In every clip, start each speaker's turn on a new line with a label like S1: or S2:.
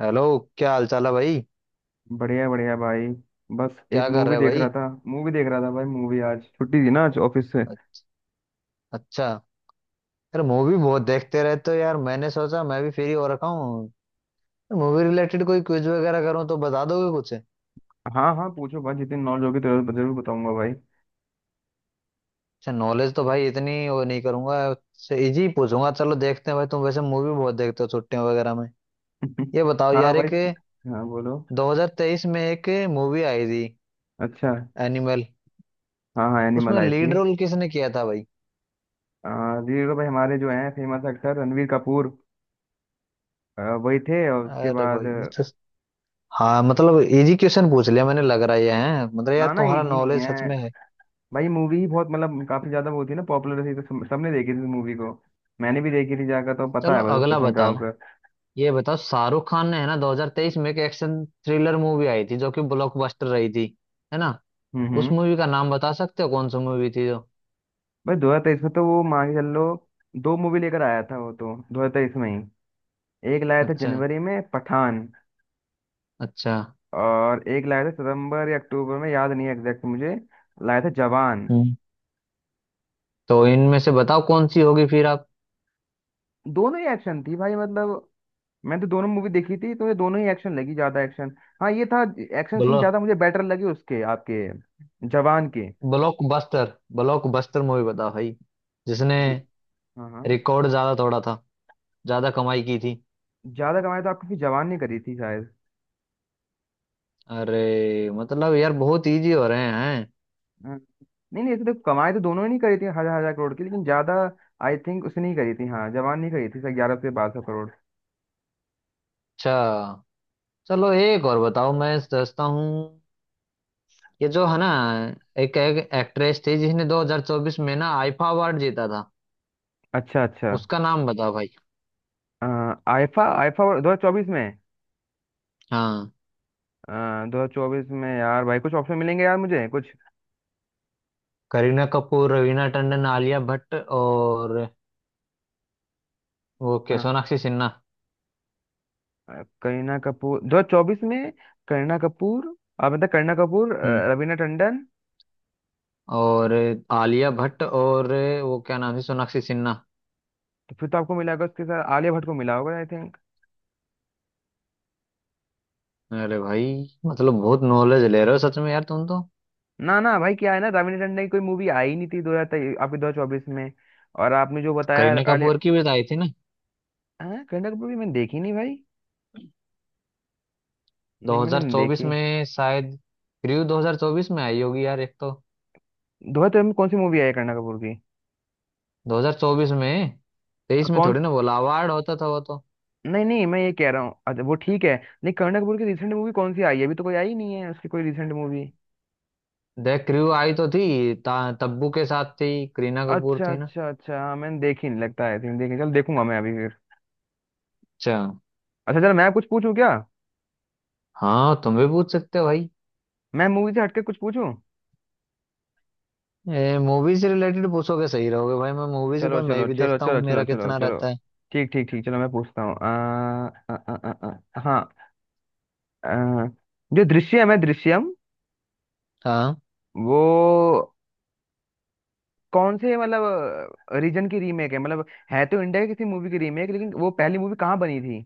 S1: Hello. क्या हाल चाल है भाई?
S2: बढ़िया बढ़िया भाई। बस एक
S1: क्या कर
S2: मूवी
S1: रहे
S2: देख रहा
S1: भाई?
S2: था मूवी देख रहा था भाई। मूवी आज छुट्टी थी ना, आज ऑफिस से।
S1: अ- अच्छा। यार मूवी बहुत देखते रहते हो यार, मैंने सोचा मैं भी फ्री हो रखा हूँ, मूवी रिलेटेड कोई क्विज वगैरह करूँ तो बता दोगे कुछ?
S2: हाँ हाँ, पूछो भाई, जितनी नॉलेज होगी तो जरूर बताऊंगा भाई।
S1: अच्छा, नॉलेज तो भाई इतनी वो नहीं करूंगा, से इजी पूछूंगा। चलो देखते हैं भाई, तुम वैसे मूवी बहुत देखते हो छुट्टियों वगैरह में। ये बताओ
S2: हाँ
S1: यार,
S2: भाई।
S1: एक
S2: हाँ बोलो।
S1: 2023 में एक मूवी आई थी,
S2: अच्छा।
S1: एनिमल,
S2: हाँ हाँ, एनिमल
S1: उसमें
S2: आई
S1: लीड
S2: थी।
S1: रोल किसने किया था भाई?
S2: जी तो भाई, हमारे जो हैं फेमस एक्टर रणवीर कपूर। वही थे, और उसके
S1: अरे
S2: बाद।
S1: भाई ये तो। हाँ, मतलब इजी क्वेश्चन पूछ लिया मैंने, लग रहा है ये हैं, मतलब यार
S2: ना ना, ये
S1: तुम्हारा
S2: जी नहीं
S1: नॉलेज
S2: है।
S1: सच में है।
S2: भाई, मूवी ही बहुत, मतलब काफी ज्यादा वो थी ना, पॉपुलर थी तो सबने देखी थी मूवी को। मैंने भी देखी थी जाकर, तो पता
S1: चलो
S2: है बस इस
S1: अगला
S2: क्वेश्चन का
S1: बताओ।
S2: आंसर।
S1: ये बताओ, शाहरुख खान ने है ना 2023 में एक एक्शन थ्रिलर मूवी आई थी जो कि ब्लॉकबस्टर रही थी, है ना? उस
S2: हम्म।
S1: मूवी का नाम बता सकते हो, कौन सी मूवी थी जो?
S2: भाई, 2023 में तो वो मान के चल लो, दो मूवी लेकर आया था वो तो 2023 में ही। एक लाया था
S1: अच्छा।
S2: जनवरी में, पठान।
S1: अच्छा।
S2: और एक लाया था सितंबर या अक्टूबर में, याद नहीं है एग्जैक्ट मुझे। लाया था जवान।
S1: हम्म तो इनमें से बताओ कौन सी होगी फिर आप?
S2: दोनों ही एक्शन थी भाई, मतलब मैंने तो दोनों मूवी देखी थी, तो ये दोनों ही एक्शन लगी, ज्यादा एक्शन। हाँ ये था। एक्शन सीन
S1: ब्लॉक
S2: ज्यादा मुझे बेटर लगे उसके, आपके जवान के।
S1: ब्लॉकबस्टर ब्लॉकबस्टर मूवी बताओ भाई, जिसने
S2: ब- हाँ हाँ।
S1: रिकॉर्ड ज्यादा तोड़ा था, ज्यादा कमाई की थी?
S2: ज्यादा कमाई तो आपकी जवान ने करी थी शायद।
S1: अरे मतलब यार बहुत इजी हो रहे हैं।
S2: हाँ। नहीं नहीं, ऐसे तो कमाई तो दोनों ही नहीं करी थी हजार हजार करोड़ की, लेकिन ज्यादा आई थिंक उसने नहीं करी थी। हाँ, जवान नहीं करी थी 1,100 से 1,200 करोड़।
S1: अच्छा चलो एक और बताओ, मैं सोचता हूँ। ये जो है ना, एक एक्ट्रेस थी जिसने 2024 में ना आईफा अवार्ड जीता था,
S2: अच्छा अच्छा।
S1: उसका नाम बता भाई।
S2: अ, आईफा, आईफा 2024 में।
S1: हाँ,
S2: अ, 2024 में यार भाई, कुछ ऑप्शन मिलेंगे यार मुझे कुछ।
S1: करीना कपूर, रवीना टंडन, आलिया भट्ट और वो
S2: अ,
S1: क्या, सोनाक्षी सिन्हा।
S2: करीना कपूर 2024 में। करीना कपूर। अब मतलब करीना कपूर,
S1: हम्म,
S2: रवीना टंडन।
S1: और आलिया भट्ट और वो क्या नाम है, सोनाक्षी सिन्हा।
S2: तो फिर तो आपको मिला होगा, उसके साथ आलिया भट्ट को मिला होगा आई थिंक।
S1: अरे भाई, मतलब बहुत नॉलेज ले रहे हो सच में यार तुम तो।
S2: ना ना भाई, क्या है ना, रवीना टंडन की कोई मूवी आई नहीं थी दो हजार आपके 2024 में। और आपने जो बताया,
S1: करीना
S2: आलिया।
S1: कपूर की भी तो आई थी ना,
S2: हाँ करीना कपूर की मैंने देखी नहीं भाई। नहीं, मैंने नहीं
S1: 2024
S2: देखी।
S1: में शायद, क्रू 2024 में आई होगी यार एक तो,
S2: दोहा तुम, कौन सी मूवी आई है करीना कपूर की?
S1: 2024 में। 23 में
S2: कौन,
S1: थोड़ी ना बोला, अवार्ड होता था वो तो।
S2: नहीं नहीं, मैं ये कह रहा हूँ अच्छा, वो ठीक है। नहीं, करीना कपूर की रिसेंट मूवी कौन सी आई है? अभी तो कोई आई नहीं है उसकी कोई रिसेंट मूवी।
S1: देख, क्रू आई तो थी, तब्बू के साथ थी, करीना कपूर
S2: अच्छा
S1: थी ना।
S2: अच्छा अच्छा। हाँ, मैंने देखी नहीं, लगता है तुमने देखी, चल देखूंगा मैं अभी फिर।
S1: अच्छा।
S2: अच्छा चलो, मैं कुछ पूछूं क्या?
S1: हाँ, तुम भी पूछ सकते हो भाई।
S2: मैं मूवी से हटके कुछ पूछूं।
S1: मूवी से रिलेटेड पूछोगे सही रहोगे भाई, मैं मूवी से
S2: चलो
S1: कोई मैं
S2: चलो
S1: भी
S2: चलो
S1: देखता हूँ,
S2: चलो चलो
S1: मेरा
S2: चलो
S1: कितना
S2: चलो।
S1: रहता है।
S2: ठीक ठीक ठीक। चलो मैं पूछता हूँ। आ, आ, आ, आ, आ, हाँ। आ, जो दृश्यम है, दृश्यम,
S1: हाँ।
S2: वो कौन से, मतलब, रीजन की रीमेक है, मतलब है तो इंडिया की किसी मूवी की रीमेक, लेकिन वो पहली मूवी कहाँ बनी थी,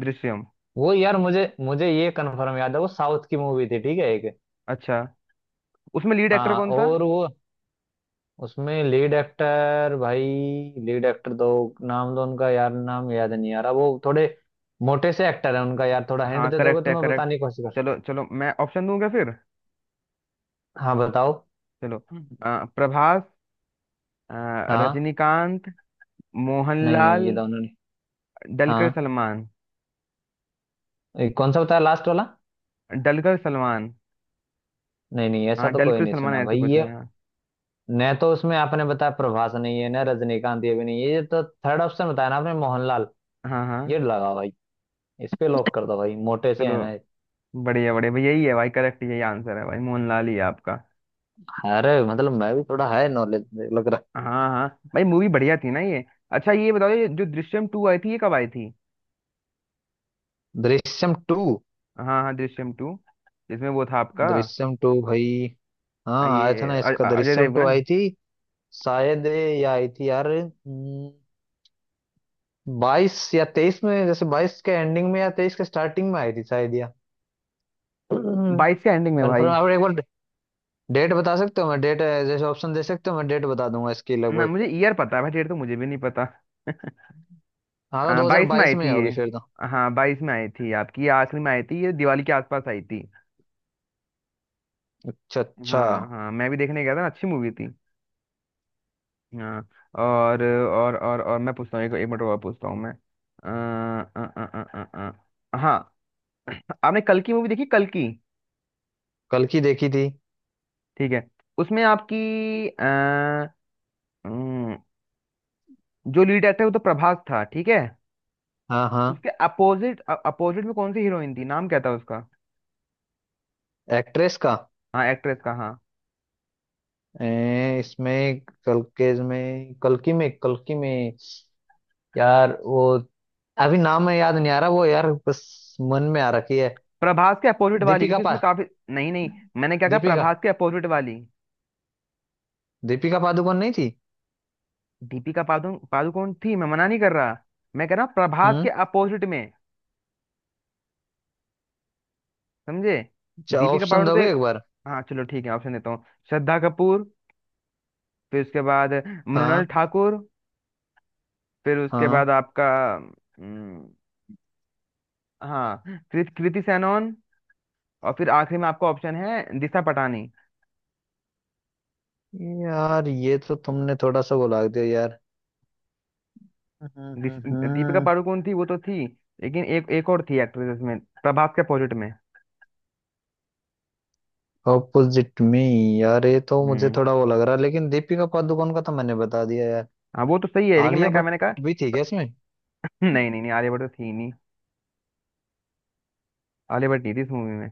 S2: दृश्यम?
S1: वो यार मुझे मुझे ये कंफर्म याद है, वो साउथ की मूवी थी ठीक है एक।
S2: अच्छा। उसमें लीड एक्टर
S1: हाँ,
S2: कौन था?
S1: और वो, उसमें लीड एक्टर भाई, लीड एक्टर दो नाम दो उनका, यार नाम याद नहीं आ रहा, वो थोड़े मोटे से एक्टर है उनका यार, थोड़ा हिंट
S2: हाँ
S1: दे दोगे
S2: करेक्ट
S1: तो
S2: है,
S1: मैं
S2: करेक्ट।
S1: बताने की कोशिश कर।
S2: चलो चलो, मैं ऑप्शन दूंगा फिर।
S1: हाँ बताओ।
S2: चलो, प्रभास, अ,
S1: हाँ।
S2: रजनीकांत,
S1: नहीं नहीं, ये
S2: मोहनलाल,
S1: दोनों नहीं।
S2: डलकर
S1: हाँ।
S2: सलमान।
S1: ये कौन सा बताया लास्ट वाला?
S2: डलकर सलमान।
S1: नहीं नहीं, ऐसा
S2: हाँ
S1: तो कोई
S2: डलकर
S1: नहीं
S2: सलमान
S1: सुना
S2: ऐसे
S1: भाई
S2: कुछ
S1: ये।
S2: है, हाँ
S1: न तो उसमें आपने बताया प्रभास नहीं है, न रजनीकांत, ये भी नहीं है, ये तो थर्ड ऑप्शन बताया ना आपने, मोहनलाल,
S2: हाँ हाँ,
S1: ये लगाओ भाई। इस पे लॉक कर दो भाई, मोटे से है
S2: चलो।
S1: ना।
S2: बढ़िया बढ़िया भाई, यही है भाई, करेक्ट, यही आंसर है भाई, मोहनलाल ही है आपका।
S1: अरे मतलब मैं भी थोड़ा है नॉलेज, लग रहा
S2: हाँ हाँ। भाई, मूवी बढ़िया थी ना ये। अच्छा, ये बताओ, ये जो दृश्यम टू आई थी, ये कब आई थी?
S1: है। दृश्यम टू?
S2: हाँ हाँ, दृश्यम टू, जिसमें वो था आपका
S1: दृश्यम टू भाई, हाँ आया था
S2: ये
S1: ना इसका,
S2: अजय
S1: दृश्यम टू
S2: देवगन।
S1: आई थी शायद ये आई थी यार। 22 या 23 में, जैसे 22 के एंडिंग में या 23 के स्टार्टिंग में आई थी शायद, या
S2: बाईस के एंडिंग में भाई।
S1: कंफर्म आप एक बार डेट बता सकते हो? मैं डेट, जैसे ऑप्शन दे सकते हो मैं डेट बता दूंगा इसकी
S2: ना,
S1: लगभग।
S2: मुझे ईयर पता है भाई, डेट तो मुझे भी नहीं पता।
S1: हाँ तो
S2: बाईस में आई
S1: 2022 में
S2: थी ये।
S1: होगी फिर तो।
S2: हाँ, बाईस में आई थी आपकी ये, आखिरी में आई थी ये, दिवाली के आसपास आई थी।
S1: अच्छा अच्छा।
S2: हाँ हाँ, मैं भी देखने गया था ना, अच्छी मूवी थी। हाँ। और मैं पूछता हूँ, एक मिनट और पूछता हूँ मैं। हाँ। आपने कल की मूवी देखी, कल की?
S1: कल की देखी थी।
S2: ठीक है। उसमें आपकी, अ, अम, जो लीड एक्टर है वो तो प्रभास था, ठीक है।
S1: हाँ हाँ।
S2: उसके अपोजिट अपोजिट में कौन सी हीरोइन थी, नाम क्या था उसका?
S1: एक्ट्रेस का?
S2: हाँ एक्ट्रेस का, हाँ।
S1: इसमें कल के में कल की में कल की में, यार वो अभी नाम में याद नहीं आ रहा वो, यार बस मन में आ रखी है।
S2: प्रभास के अपोजिट वाली,
S1: दीपिका
S2: क्योंकि इसमें
S1: पा
S2: काफी। नहीं नहीं, मैंने क्या कहा,
S1: दीपिका
S2: प्रभास के अपोजिट वाली।
S1: दीपिका पादुकोण नहीं थी?
S2: दीपिका पादुकोण थी, मैं मना नहीं कर रहा। मैं कह रहा हूँ प्रभास
S1: हम्म।
S2: के अपोजिट में। समझे?
S1: अच्छा
S2: दीपिका
S1: ऑप्शन
S2: पादुकोण तो
S1: दोगे
S2: एक,
S1: एक बार?
S2: हाँ, चलो ठीक है, ऑप्शन देता हूँ। श्रद्धा कपूर, फिर उसके बाद मृणाल
S1: हाँ
S2: ठाकुर, फिर उसके
S1: हाँ।
S2: बाद आपका, हम्म, हाँ, कृति सेनन, और फिर आखिरी में आपका ऑप्शन है दिशा पटानी।
S1: यार ये तो तुमने थोड़ा सा वो दिया यार। हम्म हम्म,
S2: दिश- दीपिका
S1: हम्म,
S2: पादुकोण थी, वो तो थी, लेकिन एक एक और थी एक्ट्रेस में, प्रभास के अपोजिट में।
S1: ऑपोजिट में? यार ये तो मुझे
S2: हम्म।
S1: थोड़ा वो लग रहा है, लेकिन दीपिका पादुकोण का तो मैंने बता दिया यार।
S2: हाँ वो तो सही है, लेकिन
S1: आलिया
S2: मैंने कहा।
S1: भट्ट भी थी क्या इसमें?
S2: हम्म, नहीं नहीं नहीं, आलिया भट्ट तो थी नहीं। आलिया भट्ट नहीं थी इस मूवी में।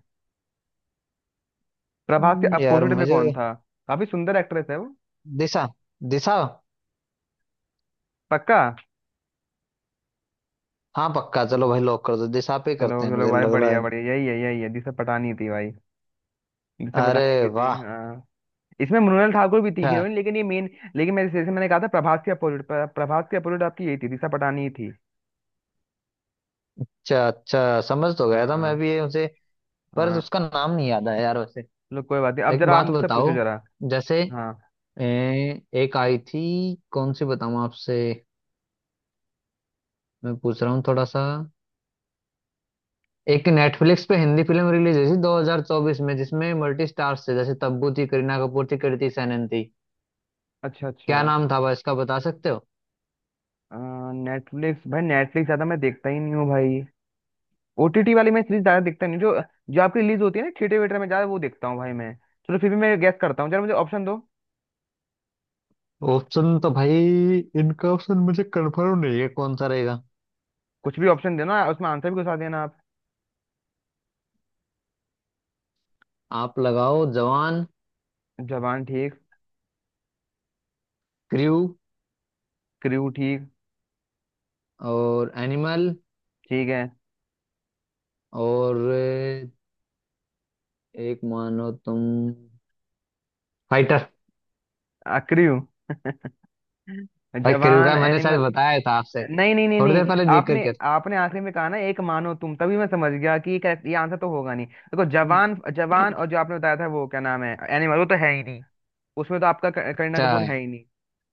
S2: प्रभास के
S1: यार
S2: अपोजिट में कौन
S1: मुझे,
S2: था? काफी सुंदर एक्ट्रेस है वो,
S1: दिशा, दिशा।
S2: पक्का।
S1: हाँ पक्का, चलो भाई लॉक कर दो दिशा पे
S2: चलो
S1: करते हैं,
S2: चलो
S1: मुझे
S2: भाई,
S1: लग रहा
S2: बढ़िया
S1: है।
S2: बढ़िया, यही है, यही है, दिशा पटानी थी भाई। दिशा
S1: अरे
S2: पटानी भी थी
S1: वाह।
S2: हाँ। इसमें मृणाल ठाकुर भी थी
S1: अच्छा
S2: हीरोइन, लेकिन ये मेन। लेकिन मैं, जैसे मैंने कहा था, प्रभास के अपोजिट, आपकी यही थी दिशा पटानी ही थी।
S1: अच्छा अच्छा, समझ तो गया था मैं
S2: हाँ
S1: भी ये उसे, पर
S2: हाँ।
S1: उसका नाम नहीं याद आया यार वैसे।
S2: चलो कोई बात नहीं, अब
S1: एक
S2: जरा आप
S1: बात
S2: मुझसे पूछो
S1: बताओ,
S2: जरा।
S1: जैसे
S2: हाँ।
S1: एक आई थी, कौन सी बताऊं आपसे मैं पूछ रहा हूँ थोड़ा सा। एक नेटफ्लिक्स पे हिंदी फिल्म रिलीज हुई थी 2024 में, जिसमें मल्टी स्टार्स थे, जैसे तब्बू थी, करीना कपूर थी, कृति सेनन थी।
S2: अच्छा अच्छा।
S1: क्या नाम था भाई इसका बता सकते हो?
S2: नेटफ्लिक्स भाई, नेटफ्लिक्स ज्यादा मैं देखता ही नहीं हूँ भाई। ओटीटी वाली मैं सीरीज ज्यादा देखता नहीं, जो जो आपकी रिलीज होती है ना थिएटर वेटर में, ज्यादा वो देखता हूँ भाई मैं। चलो फिर भी मैं गैस करता हूँ, जरा मुझे ऑप्शन दो।
S1: ऑप्शन तो भाई, इनका ऑप्शन मुझे कंफर्म नहीं है, कौन सा रहेगा?
S2: कुछ भी ऑप्शन देना, उसमें आंसर भी घुसा देना आप।
S1: आप लगाओ जवान,
S2: जवान ठीक,
S1: क्रू,
S2: क्रू ठीक,
S1: और एनिमल,
S2: ठीक है।
S1: और एक मानो तुम, फाइटर।
S2: क्रू।
S1: भाई, क्रू
S2: जवान,
S1: का मैंने शायद
S2: एनिमल।
S1: बताया था आपसे
S2: नहीं नहीं नहीं
S1: थोड़ी देर
S2: नहीं,
S1: पहले देख
S2: आपने
S1: करके।
S2: आपने आखिरी में कहा ना एक मानो तुम, तभी मैं समझ गया कि ये आंसर तो होगा नहीं। देखो, जवान जवान, और जो आपने बताया था वो क्या नाम है, एनिमल, वो तो है ही नहीं। उसमें तो आपका करीना
S1: अच्छा।
S2: कपूर है ही नहीं।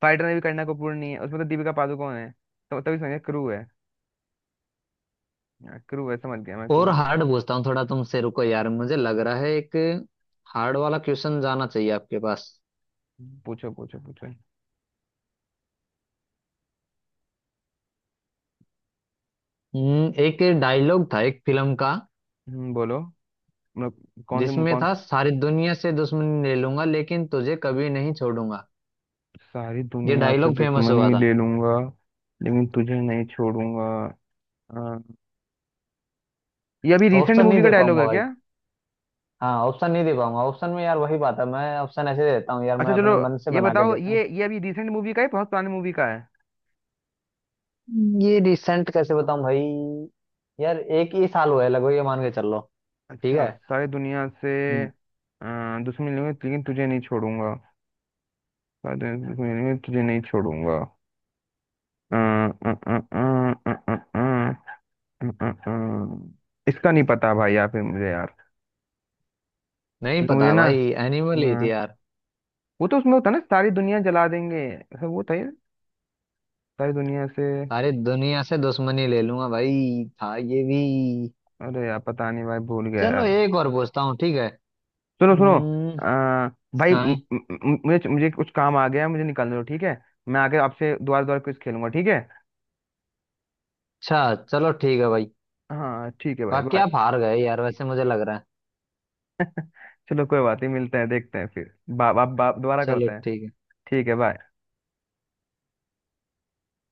S2: फाइटर में भी करीना कपूर नहीं है, उसमें तो दीपिका पादुकोण है, तो तभी समझ गया क्रू है। हाँ, क्रू है, समझ गया मैं
S1: और
S2: क्रू।
S1: हार्ड पूछता हूँ थोड़ा तुमसे, रुको यार मुझे लग रहा है एक हार्ड वाला क्वेश्चन जाना चाहिए आपके पास।
S2: पूछो पूछो पूछो।
S1: एक डायलॉग था एक फिल्म का,
S2: बोलो। मतलब कौन से,
S1: जिसमें
S2: कौन।
S1: था सारी दुनिया से दुश्मनी ले लूंगा लेकिन तुझे कभी नहीं छोड़ूंगा।
S2: सारी
S1: ये
S2: दुनिया से
S1: डायलॉग फेमस हुआ
S2: दुश्मनी
S1: था।
S2: ले लूंगा लेकिन तुझे नहीं छोड़ूंगा। अ, ये अभी रिसेंट
S1: ऑप्शन नहीं
S2: मूवी का
S1: दे
S2: डायलॉग
S1: पाऊंगा
S2: है
S1: भाई।
S2: क्या?
S1: हाँ, ऑप्शन नहीं दे पाऊंगा, ऑप्शन में यार वही बात है, मैं ऑप्शन ऐसे देता हूँ यार,
S2: अच्छा
S1: मैं
S2: चलो,
S1: अपने मन से
S2: ये
S1: बना के
S2: बताओ
S1: देता हूँ।
S2: ये अभी रिसेंट मूवी का है, बहुत पुरानी मूवी का है?
S1: ये रिसेंट कैसे बताऊं भाई, यार एक ही साल हुआ है लगभग ये मान के चल लो। ठीक है।
S2: अच्छा, सारी दुनिया से
S1: हम्म,
S2: अ, दुश्मनी लूंगी लेकिन तुझे नहीं छोड़ूंगा। सारी दुनिया से दुश्मनी लूंगी तुझे नहीं छोड़ूंगा। अ, अ, अ, अ, अ, अ, अ, इसका नहीं पता भाई, यहाँ पे मुझे यार।
S1: नहीं
S2: क्योंकि
S1: पता
S2: मुझे ना,
S1: भाई एनिमल ही थी
S2: हाँ,
S1: यार।
S2: वो तो उसमें होता है ना, सारी दुनिया जला देंगे, ऐसा वो था ये। सारी दुनिया से।
S1: अरे दुनिया से दुश्मनी ले लूंगा भाई था ये भी।
S2: अरे यार, पता नहीं भाई, भूल गया
S1: चलो
S2: यार।
S1: एक और पूछता हूँ ठीक है।
S2: सुनो सुनो।
S1: हम्म,
S2: आ, भाई,
S1: हाँ,
S2: मुझे मुझे कुछ काम आ गया है, मुझे निकलने दो ठीक है। मैं आके आपसे दोबारा दोबारा कुछ खेलूंगा ठीक है।
S1: अच्छा चलो ठीक है भाई।
S2: हाँ ठीक है भाई,
S1: बाकी
S2: बाय।
S1: आप हार गए यार वैसे मुझे लग रहा है।
S2: चलो कोई बात नहीं, मिलते हैं, देखते हैं फिर, बा, बा, बा, दोबारा
S1: चलो
S2: करते हैं।
S1: ठीक है।
S2: ठीक है बाय।